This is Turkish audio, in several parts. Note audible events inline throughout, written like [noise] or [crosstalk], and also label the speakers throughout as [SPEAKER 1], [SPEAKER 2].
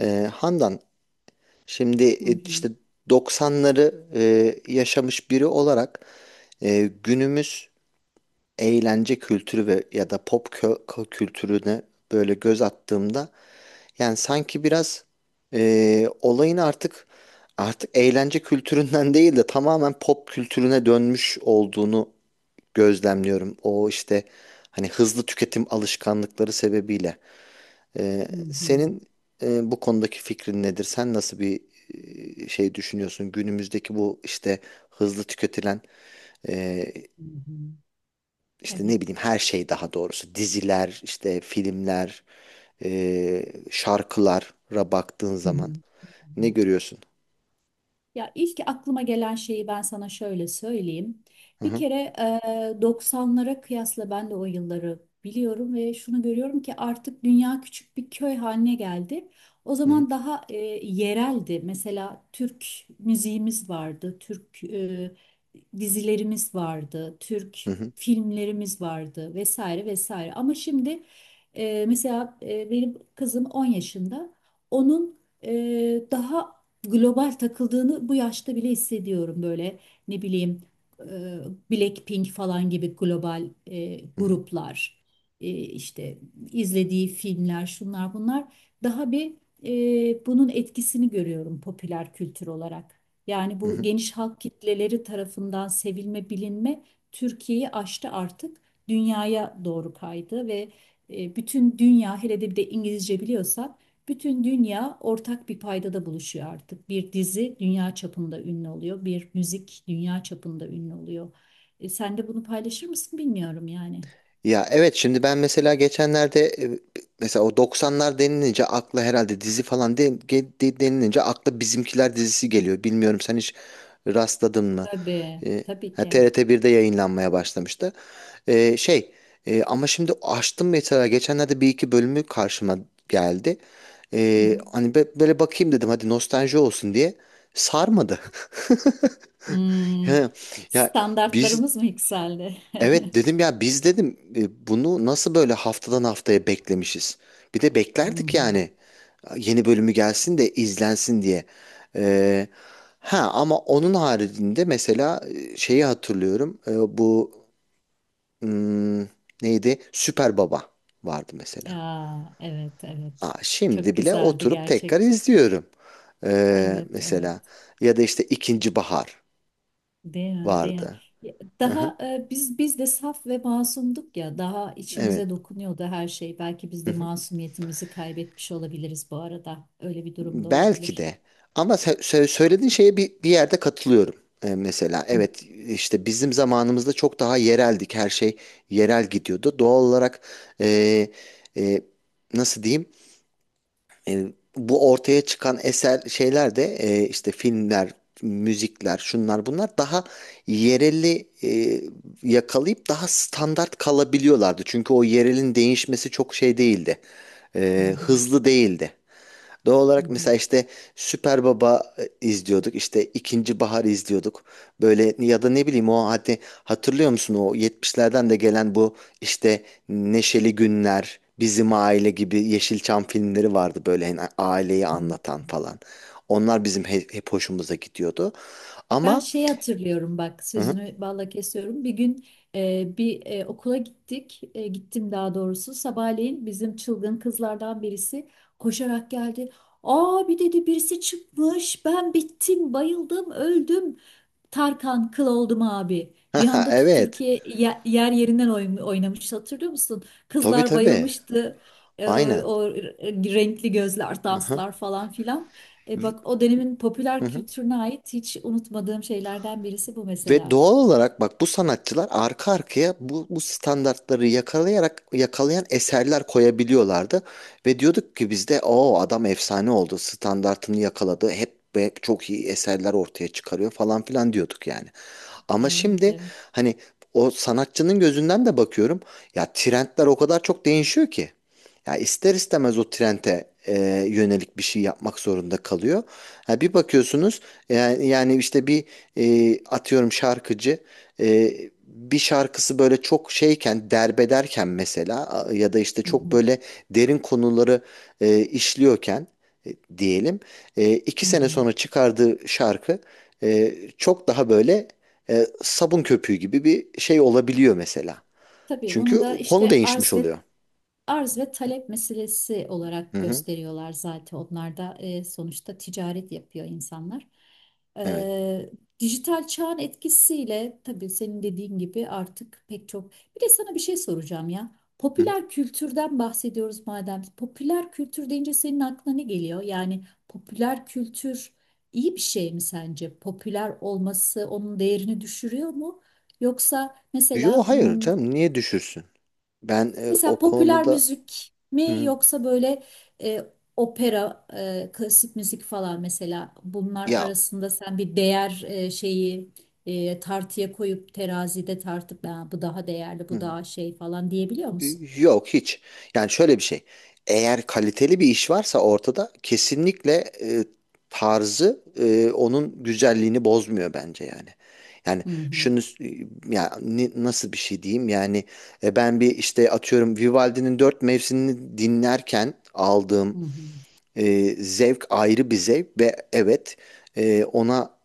[SPEAKER 1] Handan, şimdi
[SPEAKER 2] Hı hı.
[SPEAKER 1] işte 90'ları yaşamış biri olarak günümüz eğlence kültürü ve ya da kültürüne böyle göz attığımda yani sanki biraz olayın artık eğlence kültüründen [laughs] değil de tamamen pop kültürüne dönmüş olduğunu gözlemliyorum. O işte hani hızlı tüketim alışkanlıkları sebebiyle.
[SPEAKER 2] Hı hı.
[SPEAKER 1] Senin bu konudaki fikrin nedir? Sen nasıl bir şey düşünüyorsun? Günümüzdeki bu işte hızlı tüketilen e,
[SPEAKER 2] Hı hı.
[SPEAKER 1] işte
[SPEAKER 2] Evet.
[SPEAKER 1] ne bileyim her şey, daha doğrusu diziler, işte filmler, şarkılara baktığın
[SPEAKER 2] Hı hı.
[SPEAKER 1] zaman
[SPEAKER 2] Hı
[SPEAKER 1] ne
[SPEAKER 2] hı.
[SPEAKER 1] görüyorsun?
[SPEAKER 2] Ya, ilk aklıma gelen şeyi ben sana şöyle söyleyeyim.
[SPEAKER 1] Hı
[SPEAKER 2] Bir
[SPEAKER 1] hı,
[SPEAKER 2] kere 90'lara kıyasla ben de o yılları biliyorum ve şunu görüyorum ki artık dünya küçük bir köy haline geldi. O
[SPEAKER 1] hı hı,
[SPEAKER 2] zaman daha yereldi. Mesela Türk müziğimiz vardı, Türk dizilerimiz vardı, Türk
[SPEAKER 1] hı hı,
[SPEAKER 2] filmlerimiz vardı vesaire vesaire. Ama şimdi mesela benim kızım 10 yaşında. Onun daha global takıldığını bu yaşta bile hissediyorum, böyle, ne bileyim, e, Blackpink falan gibi global
[SPEAKER 1] hı hı,
[SPEAKER 2] gruplar, işte izlediği filmler şunlar bunlar, daha bir, bunun etkisini görüyorum popüler kültür olarak. Yani
[SPEAKER 1] hı
[SPEAKER 2] bu
[SPEAKER 1] hı.
[SPEAKER 2] geniş halk kitleleri tarafından sevilme, bilinme Türkiye'yi aştı artık, dünyaya doğru kaydı ve bütün dünya, hele de bir de İngilizce biliyorsa, bütün dünya ortak bir paydada buluşuyor artık. Bir dizi dünya çapında ünlü oluyor, bir müzik dünya çapında ünlü oluyor. Sen de bunu paylaşır mısın bilmiyorum yani.
[SPEAKER 1] Ya evet, şimdi ben mesela geçenlerde mesela o 90'lar denilince akla herhalde dizi falan denilince akla Bizimkiler dizisi geliyor. Bilmiyorum, sen hiç rastladın mı?
[SPEAKER 2] Tabii,
[SPEAKER 1] E,
[SPEAKER 2] tabii
[SPEAKER 1] ha,
[SPEAKER 2] ki.
[SPEAKER 1] TRT birde yayınlanmaya başlamıştı. Şey, ama şimdi açtım mesela geçenlerde bir iki bölümü karşıma geldi.
[SPEAKER 2] Hı hı.
[SPEAKER 1] Hani böyle bakayım dedim, hadi nostalji olsun diye sarmadı. [laughs]
[SPEAKER 2] Hmm,
[SPEAKER 1] Ya, ya biz
[SPEAKER 2] Standartlarımız mı yükseldi?
[SPEAKER 1] Evet
[SPEAKER 2] [laughs]
[SPEAKER 1] dedim ya, biz dedim bunu nasıl böyle haftadan haftaya beklemişiz. Bir de
[SPEAKER 2] Hı
[SPEAKER 1] beklerdik
[SPEAKER 2] hı.
[SPEAKER 1] yani, yeni bölümü gelsin de izlensin diye. Ee, ha, ama onun haricinde mesela şeyi hatırlıyorum. Bu hmm, neydi? Süper Baba vardı mesela.
[SPEAKER 2] Aa, evet,
[SPEAKER 1] Aa,
[SPEAKER 2] evet. Çok
[SPEAKER 1] şimdi bile
[SPEAKER 2] güzeldi
[SPEAKER 1] oturup tekrar
[SPEAKER 2] gerçek.
[SPEAKER 1] izliyorum.
[SPEAKER 2] Evet,
[SPEAKER 1] Mesela
[SPEAKER 2] evet.
[SPEAKER 1] ya da işte İkinci Bahar
[SPEAKER 2] Değil mi? Değil mi?
[SPEAKER 1] vardı.
[SPEAKER 2] Ya,
[SPEAKER 1] Hı hı,
[SPEAKER 2] daha biz de saf ve masumduk ya, daha
[SPEAKER 1] evet.
[SPEAKER 2] içimize dokunuyordu her şey. Belki biz de masumiyetimizi kaybetmiş olabiliriz bu arada. Öyle bir durumda
[SPEAKER 1] Belki
[SPEAKER 2] olabilir.
[SPEAKER 1] de. Ama söylediğin şeye bir yerde katılıyorum. Mesela
[SPEAKER 2] Hı
[SPEAKER 1] evet, işte bizim zamanımızda çok daha yereldik. Her şey yerel gidiyordu. Doğal olarak e, e, nasıl diyeyim? E, bu ortaya çıkan eser şeyler de işte filmler, müzikler, şunlar bunlar daha yereli yakalayıp daha standart kalabiliyorlardı. Çünkü o yerelin değişmesi çok şey değildi.
[SPEAKER 2] hı hı
[SPEAKER 1] Hızlı değildi. Doğal
[SPEAKER 2] hı
[SPEAKER 1] olarak
[SPEAKER 2] hı.
[SPEAKER 1] mesela işte Süper Baba izliyorduk. İşte İkinci Bahar izliyorduk. Böyle ya da ne bileyim, o hadi hatırlıyor musun o 70'lerden de gelen bu işte Neşeli Günler, Bizim Aile gibi Yeşilçam filmleri vardı, böyle hani aileyi
[SPEAKER 2] hı.
[SPEAKER 1] anlatan falan. Onlar bizim hep hoşumuza gidiyordu.
[SPEAKER 2] Ben
[SPEAKER 1] Ama.
[SPEAKER 2] şey hatırlıyorum, bak
[SPEAKER 1] Hı hı.
[SPEAKER 2] sözünü balla kesiyorum. Bir gün okula gittik. E, gittim daha doğrusu. Sabahleyin bizim çılgın kızlardan birisi koşarak geldi. Aa, bir dedi, birisi çıkmış. Ben bittim, bayıldım, öldüm. Tarkan, kıl oldum abi. Bir
[SPEAKER 1] [laughs]
[SPEAKER 2] anda
[SPEAKER 1] Evet.
[SPEAKER 2] Türkiye yer yerinden oynamış, hatırlıyor musun?
[SPEAKER 1] Tabii,
[SPEAKER 2] Kızlar
[SPEAKER 1] tabii.
[SPEAKER 2] bayılmıştı. Ee,
[SPEAKER 1] Aynen.
[SPEAKER 2] O renkli gözler,
[SPEAKER 1] Hı hı.
[SPEAKER 2] danslar falan filan. E bak, o dönemin
[SPEAKER 1] Hı
[SPEAKER 2] popüler
[SPEAKER 1] hı.
[SPEAKER 2] kültürüne ait hiç unutmadığım şeylerden birisi bu
[SPEAKER 1] Ve
[SPEAKER 2] mesela.
[SPEAKER 1] doğal olarak bak, bu sanatçılar arka arkaya bu standartları yakalayarak, yakalayan eserler koyabiliyorlardı. Ve diyorduk ki bizde o adam efsane oldu, standartını yakaladı hep ve çok iyi eserler ortaya çıkarıyor falan filan diyorduk yani. Ama
[SPEAKER 2] Evet,
[SPEAKER 1] şimdi
[SPEAKER 2] evet.
[SPEAKER 1] hani o sanatçının gözünden de bakıyorum, ya trendler o kadar çok değişiyor ki. Ya ister istemez o trende yönelik bir şey yapmak zorunda kalıyor. Ha, bir bakıyorsunuz yani işte bir atıyorum şarkıcı, e, bir şarkısı böyle çok şeyken, derbederken mesela, ya da işte
[SPEAKER 2] Hı
[SPEAKER 1] çok
[SPEAKER 2] hı,
[SPEAKER 1] böyle derin konuları işliyorken e, diyelim iki
[SPEAKER 2] hı
[SPEAKER 1] sene
[SPEAKER 2] hı.
[SPEAKER 1] sonra çıkardığı şarkı çok daha böyle sabun köpüğü gibi bir şey olabiliyor mesela.
[SPEAKER 2] Tabii bunu
[SPEAKER 1] Çünkü
[SPEAKER 2] da
[SPEAKER 1] konu
[SPEAKER 2] işte
[SPEAKER 1] değişmiş oluyor.
[SPEAKER 2] arz ve talep meselesi
[SPEAKER 1] Hı
[SPEAKER 2] olarak
[SPEAKER 1] hı,
[SPEAKER 2] gösteriyorlar zaten. Onlar da sonuçta ticaret yapıyor insanlar.
[SPEAKER 1] evet.
[SPEAKER 2] E, dijital çağın etkisiyle tabii senin dediğin gibi artık pek çok. Bir de sana bir şey soracağım ya.
[SPEAKER 1] Hı hı.
[SPEAKER 2] Popüler kültürden bahsediyoruz madem. Popüler kültür deyince senin aklına ne geliyor? Yani popüler kültür iyi bir şey mi sence? Popüler olması onun değerini düşürüyor mu? Yoksa
[SPEAKER 1] Yo,
[SPEAKER 2] mesela
[SPEAKER 1] hayır canım, niye düşürsün? Ben
[SPEAKER 2] mesela
[SPEAKER 1] o
[SPEAKER 2] popüler
[SPEAKER 1] konuda
[SPEAKER 2] müzik mi,
[SPEAKER 1] hı,
[SPEAKER 2] yoksa böyle e, opera, klasik müzik falan, mesela bunlar
[SPEAKER 1] ya
[SPEAKER 2] arasında sen bir değer şeyi, tartıya koyup terazide tartıp "Ha, bu daha değerli, bu
[SPEAKER 1] hı.
[SPEAKER 2] daha şey" falan diyebiliyor musun?
[SPEAKER 1] Yok, hiç. Yani şöyle bir şey. Eğer kaliteli bir iş varsa ortada, kesinlikle e, tarzı onun güzelliğini bozmuyor bence yani. Yani
[SPEAKER 2] Hı hı,
[SPEAKER 1] şunu, ya nasıl bir şey diyeyim yani, ben bir işte atıyorum Vivaldi'nin dört mevsimini dinlerken aldığım
[SPEAKER 2] hı hı,
[SPEAKER 1] zevk ayrı bir zevk ve evet, ona,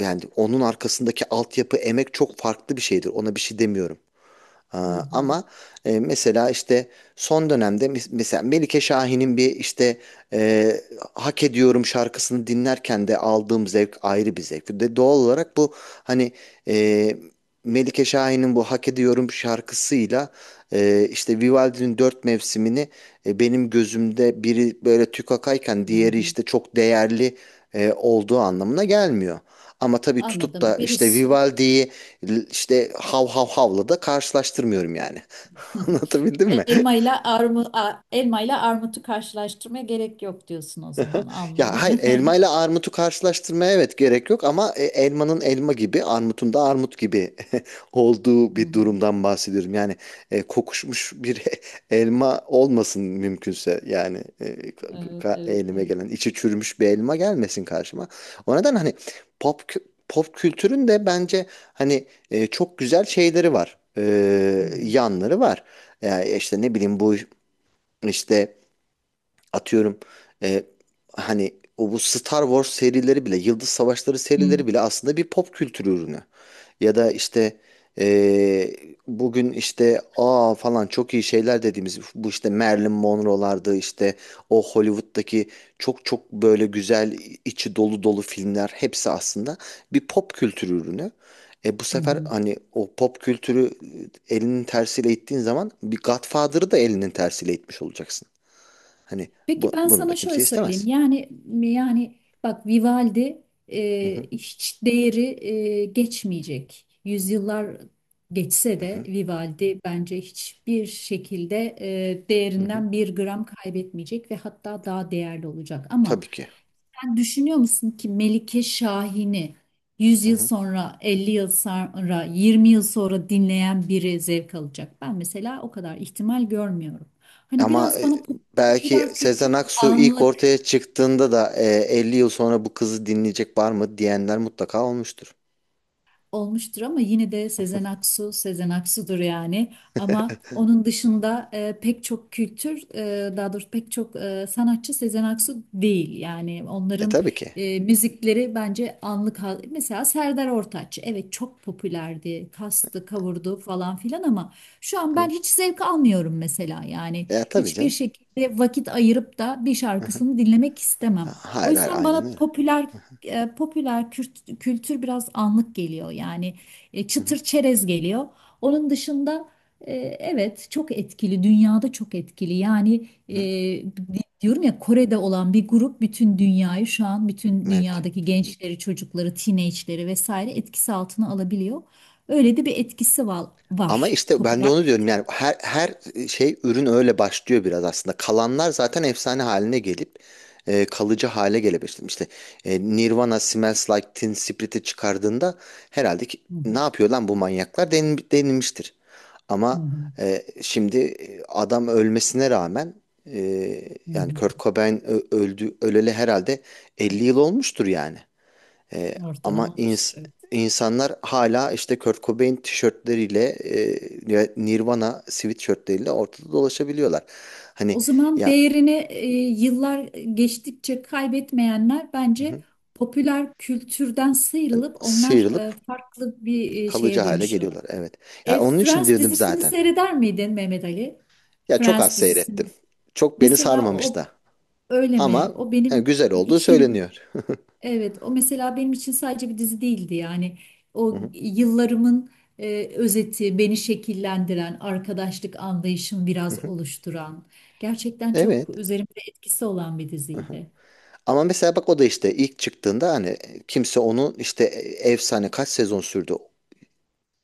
[SPEAKER 1] yani onun arkasındaki altyapı, emek çok farklı bir şeydir, ona bir şey demiyorum.
[SPEAKER 2] hı
[SPEAKER 1] Aa,
[SPEAKER 2] hı,
[SPEAKER 1] ama mesela işte son dönemde mesela Melike Şahin'in bir işte e, Hak Ediyorum şarkısını dinlerken de aldığım zevk ayrı bir zevk. De doğal olarak bu hani e, Melike Şahin'in bu Hak Ediyorum şarkısıyla işte Vivaldi'nin Dört Mevsimini benim gözümde biri böyle tükakayken
[SPEAKER 2] hı
[SPEAKER 1] diğeri
[SPEAKER 2] hı.
[SPEAKER 1] işte çok değerli olduğu anlamına gelmiyor. Ama tabii tutup
[SPEAKER 2] Anladım.
[SPEAKER 1] da işte
[SPEAKER 2] Birisi
[SPEAKER 1] Vivaldi'yi işte hav hav havla da karşılaştırmıyorum yani. [laughs]
[SPEAKER 2] [laughs]
[SPEAKER 1] Anlatabildim mi? [laughs]
[SPEAKER 2] elma ile armutu karşılaştırmaya gerek yok diyorsun o
[SPEAKER 1] Aha.
[SPEAKER 2] zaman,
[SPEAKER 1] Ya
[SPEAKER 2] anladım.
[SPEAKER 1] hayır,
[SPEAKER 2] [laughs]
[SPEAKER 1] elma ile armutu karşılaştırmaya evet gerek yok, ama elmanın elma gibi, armutun da armut gibi [laughs] olduğu
[SPEAKER 2] Hı
[SPEAKER 1] bir
[SPEAKER 2] hı.
[SPEAKER 1] durumdan bahsediyorum. Yani kokuşmuş bir [laughs] elma olmasın mümkünse yani,
[SPEAKER 2] Evet, evet,
[SPEAKER 1] elime
[SPEAKER 2] evet.
[SPEAKER 1] gelen içi çürümüş bir elma gelmesin karşıma. O neden hani pop kü- pop kültürün de bence hani çok güzel şeyleri var,
[SPEAKER 2] Hı hı.
[SPEAKER 1] yanları var. Yani işte ne bileyim, bu işte atıyorum, e, hani o bu Star Wars serileri bile, Yıldız Savaşları
[SPEAKER 2] Hı.
[SPEAKER 1] serileri bile aslında bir pop kültürü ürünü. Ya da işte e, bugün işte aa falan çok iyi şeyler dediğimiz bu işte Marilyn Monroe'lardı, işte o Hollywood'daki çok çok böyle güzel, içi dolu dolu filmler hepsi aslında bir pop kültürü ürünü. Bu
[SPEAKER 2] Hı
[SPEAKER 1] sefer
[SPEAKER 2] hı.
[SPEAKER 1] hani o pop kültürü elinin tersiyle ittiğin zaman, bir Godfather'ı da elinin tersiyle itmiş olacaksın. Hani
[SPEAKER 2] Peki,
[SPEAKER 1] bu,
[SPEAKER 2] ben
[SPEAKER 1] bunu da
[SPEAKER 2] sana şöyle
[SPEAKER 1] kimse
[SPEAKER 2] söyleyeyim.
[SPEAKER 1] istemez.
[SPEAKER 2] Yani bak, Vivaldi
[SPEAKER 1] Hı hı,
[SPEAKER 2] hiç değeri, geçmeyecek. Yüzyıllar geçse
[SPEAKER 1] hı
[SPEAKER 2] de
[SPEAKER 1] hı,
[SPEAKER 2] Vivaldi bence hiçbir şekilde
[SPEAKER 1] hı hı.
[SPEAKER 2] değerinden bir gram kaybetmeyecek ve hatta daha değerli olacak. Ama
[SPEAKER 1] Tabii ki.
[SPEAKER 2] sen düşünüyor musun ki Melike Şahin'i 100
[SPEAKER 1] Hı
[SPEAKER 2] yıl
[SPEAKER 1] hı.
[SPEAKER 2] sonra, 50 yıl sonra, 20 yıl sonra dinleyen biri zevk alacak? Ben mesela o kadar ihtimal görmüyorum. Hani
[SPEAKER 1] Ama
[SPEAKER 2] biraz bana
[SPEAKER 1] belki
[SPEAKER 2] popüler kültür
[SPEAKER 1] Sezen Aksu ilk
[SPEAKER 2] anlık
[SPEAKER 1] ortaya çıktığında da 50 yıl sonra bu kızı dinleyecek var mı diyenler mutlaka olmuştur.
[SPEAKER 2] olmuştur ama yine de Sezen Aksu Sezen Aksu'dur yani. Ama onun dışında pek çok kültür, daha doğrusu pek çok sanatçı Sezen Aksu değil. Yani
[SPEAKER 1] E
[SPEAKER 2] onların
[SPEAKER 1] tabii ki.
[SPEAKER 2] müzikleri bence anlık. Mesela Serdar Ortaç, evet, çok popülerdi, kastı, kavurdu falan filan, ama şu an
[SPEAKER 1] Hı.
[SPEAKER 2] ben hiç zevk almıyorum mesela. Yani
[SPEAKER 1] E tabii
[SPEAKER 2] hiçbir
[SPEAKER 1] canım.
[SPEAKER 2] şekilde vakit ayırıp da bir
[SPEAKER 1] Hı hı.
[SPEAKER 2] şarkısını dinlemek istemem. O
[SPEAKER 1] Hayır, hayır,
[SPEAKER 2] yüzden
[SPEAKER 1] aynen
[SPEAKER 2] bana
[SPEAKER 1] öyle.
[SPEAKER 2] popüler e, popüler kürt- kültür biraz anlık geliyor yani,
[SPEAKER 1] Hı hı,
[SPEAKER 2] çıtır çerez geliyor. Onun dışında, evet, çok etkili, dünyada çok etkili yani,
[SPEAKER 1] hı hı.
[SPEAKER 2] diyorum ya, Kore'de olan bir grup bütün dünyayı şu an, bütün
[SPEAKER 1] Evet.
[SPEAKER 2] dünyadaki gençleri, çocukları, teenage'leri vesaire etkisi altına alabiliyor. Öyle de bir etkisi var,
[SPEAKER 1] Ama
[SPEAKER 2] var
[SPEAKER 1] işte ben de onu
[SPEAKER 2] popüler.
[SPEAKER 1] diyorum yani, her şey ürün öyle başlıyor biraz aslında. Kalanlar zaten efsane haline gelip kalıcı hale gelebilir. İşte Nirvana Smells Like Teen Spirit'i çıkardığında herhalde ki,
[SPEAKER 2] Hı hı,
[SPEAKER 1] ne yapıyor lan bu manyaklar, denilmiştir.
[SPEAKER 2] hı
[SPEAKER 1] Ama
[SPEAKER 2] hı,
[SPEAKER 1] şimdi adam ölmesine rağmen, e,
[SPEAKER 2] hı
[SPEAKER 1] yani
[SPEAKER 2] hı.
[SPEAKER 1] Kurt Cobain öldü öleli herhalde 50 yıl olmuştur yani. E, ama
[SPEAKER 2] Ortalama olmuştur.
[SPEAKER 1] insanlar hala işte Kurt Cobain tişörtleriyle, Nirvana sweatshirtleriyle ortada dolaşabiliyorlar.
[SPEAKER 2] O
[SPEAKER 1] Hani
[SPEAKER 2] zaman
[SPEAKER 1] ya
[SPEAKER 2] değerini yıllar geçtikçe kaybetmeyenler
[SPEAKER 1] hı,
[SPEAKER 2] bence popüler kültürden sıyrılıp, onlar
[SPEAKER 1] sıyrılıp
[SPEAKER 2] farklı bir
[SPEAKER 1] kalıcı
[SPEAKER 2] şeye
[SPEAKER 1] hale
[SPEAKER 2] dönüşüyorlar.
[SPEAKER 1] geliyorlar. Evet. Yani
[SPEAKER 2] E,
[SPEAKER 1] onun için
[SPEAKER 2] Friends
[SPEAKER 1] dedim
[SPEAKER 2] dizisini
[SPEAKER 1] zaten.
[SPEAKER 2] seyreder miydin Mehmet Ali?
[SPEAKER 1] Ya çok az
[SPEAKER 2] Friends dizisini.
[SPEAKER 1] seyrettim. Çok beni
[SPEAKER 2] Mesela
[SPEAKER 1] sarmamış
[SPEAKER 2] o,
[SPEAKER 1] da.
[SPEAKER 2] öyle mi?
[SPEAKER 1] Ama
[SPEAKER 2] O benim
[SPEAKER 1] güzel olduğu
[SPEAKER 2] için,
[SPEAKER 1] söyleniyor.
[SPEAKER 2] evet, o mesela benim için sadece bir dizi değildi yani,
[SPEAKER 1] Hı
[SPEAKER 2] o
[SPEAKER 1] hı,
[SPEAKER 2] yıllarımın özeti, beni şekillendiren, arkadaşlık anlayışımı
[SPEAKER 1] hı
[SPEAKER 2] biraz
[SPEAKER 1] hı.
[SPEAKER 2] oluşturan, gerçekten çok
[SPEAKER 1] Evet.
[SPEAKER 2] üzerimde etkisi olan bir
[SPEAKER 1] Hı hı.
[SPEAKER 2] diziydi.
[SPEAKER 1] Ama mesela bak, o da işte ilk çıktığında hani kimse onun işte efsane kaç sezon sürdü?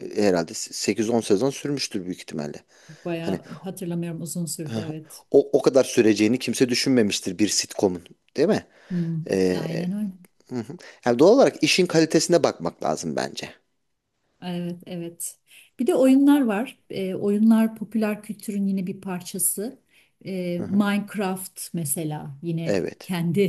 [SPEAKER 1] Herhalde sekiz on sezon sürmüştür büyük ihtimalle. Hani
[SPEAKER 2] Bayağı hatırlamıyorum, uzun sürdü
[SPEAKER 1] [laughs]
[SPEAKER 2] evet.
[SPEAKER 1] o kadar süreceğini kimse düşünmemiştir bir sitcom'un, değil mi?
[SPEAKER 2] Hmm,
[SPEAKER 1] Ee,
[SPEAKER 2] aynen öyle.
[SPEAKER 1] hı hı. Yani doğal olarak işin kalitesine bakmak lazım bence.
[SPEAKER 2] Evet, evet. Bir de oyunlar var. Oyunlar popüler kültürün yine bir parçası.
[SPEAKER 1] Hı hı.
[SPEAKER 2] Minecraft mesela, yine
[SPEAKER 1] Evet.
[SPEAKER 2] kendi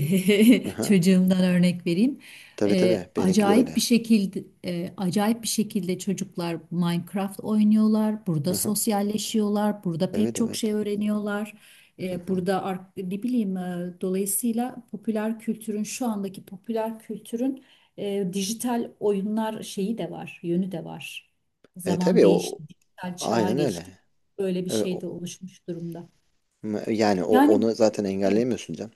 [SPEAKER 1] Hı
[SPEAKER 2] [laughs]
[SPEAKER 1] hı.
[SPEAKER 2] çocuğumdan örnek vereyim.
[SPEAKER 1] Tabii, tabii. Benimki de öyle.
[SPEAKER 2] Acayip bir şekilde çocuklar Minecraft oynuyorlar.
[SPEAKER 1] Hı
[SPEAKER 2] Burada
[SPEAKER 1] hı.
[SPEAKER 2] sosyalleşiyorlar. Burada pek
[SPEAKER 1] Evet,
[SPEAKER 2] çok
[SPEAKER 1] evet.
[SPEAKER 2] şey öğreniyorlar.
[SPEAKER 1] Hı hı.
[SPEAKER 2] Ne bileyim, dolayısıyla popüler kültürün şu andaki popüler kültürün dijital oyunlar şeyi de var, yönü de var. Zaman
[SPEAKER 1] Tabii o,
[SPEAKER 2] değişti, dijital çağa
[SPEAKER 1] aynen
[SPEAKER 2] geçtik.
[SPEAKER 1] öyle.
[SPEAKER 2] Böyle bir
[SPEAKER 1] Evet,
[SPEAKER 2] şey de oluşmuş durumda.
[SPEAKER 1] yani o
[SPEAKER 2] Yani,
[SPEAKER 1] onu zaten
[SPEAKER 2] evet,
[SPEAKER 1] engelleyemiyorsun canım.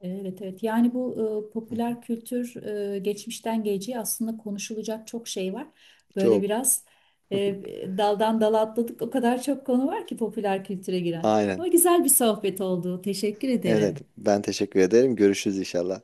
[SPEAKER 2] evet, evet. Yani bu
[SPEAKER 1] Hı hı.
[SPEAKER 2] popüler kültür, geçmişten geleceğe aslında konuşulacak çok şey var. Böyle
[SPEAKER 1] Çok.
[SPEAKER 2] biraz daldan dala atladık. O kadar çok konu var ki popüler kültüre giren.
[SPEAKER 1] Aynen.
[SPEAKER 2] Ama güzel bir sohbet oldu. Teşekkür
[SPEAKER 1] Evet, evet.
[SPEAKER 2] ederim.
[SPEAKER 1] Ben teşekkür ederim. Görüşürüz inşallah.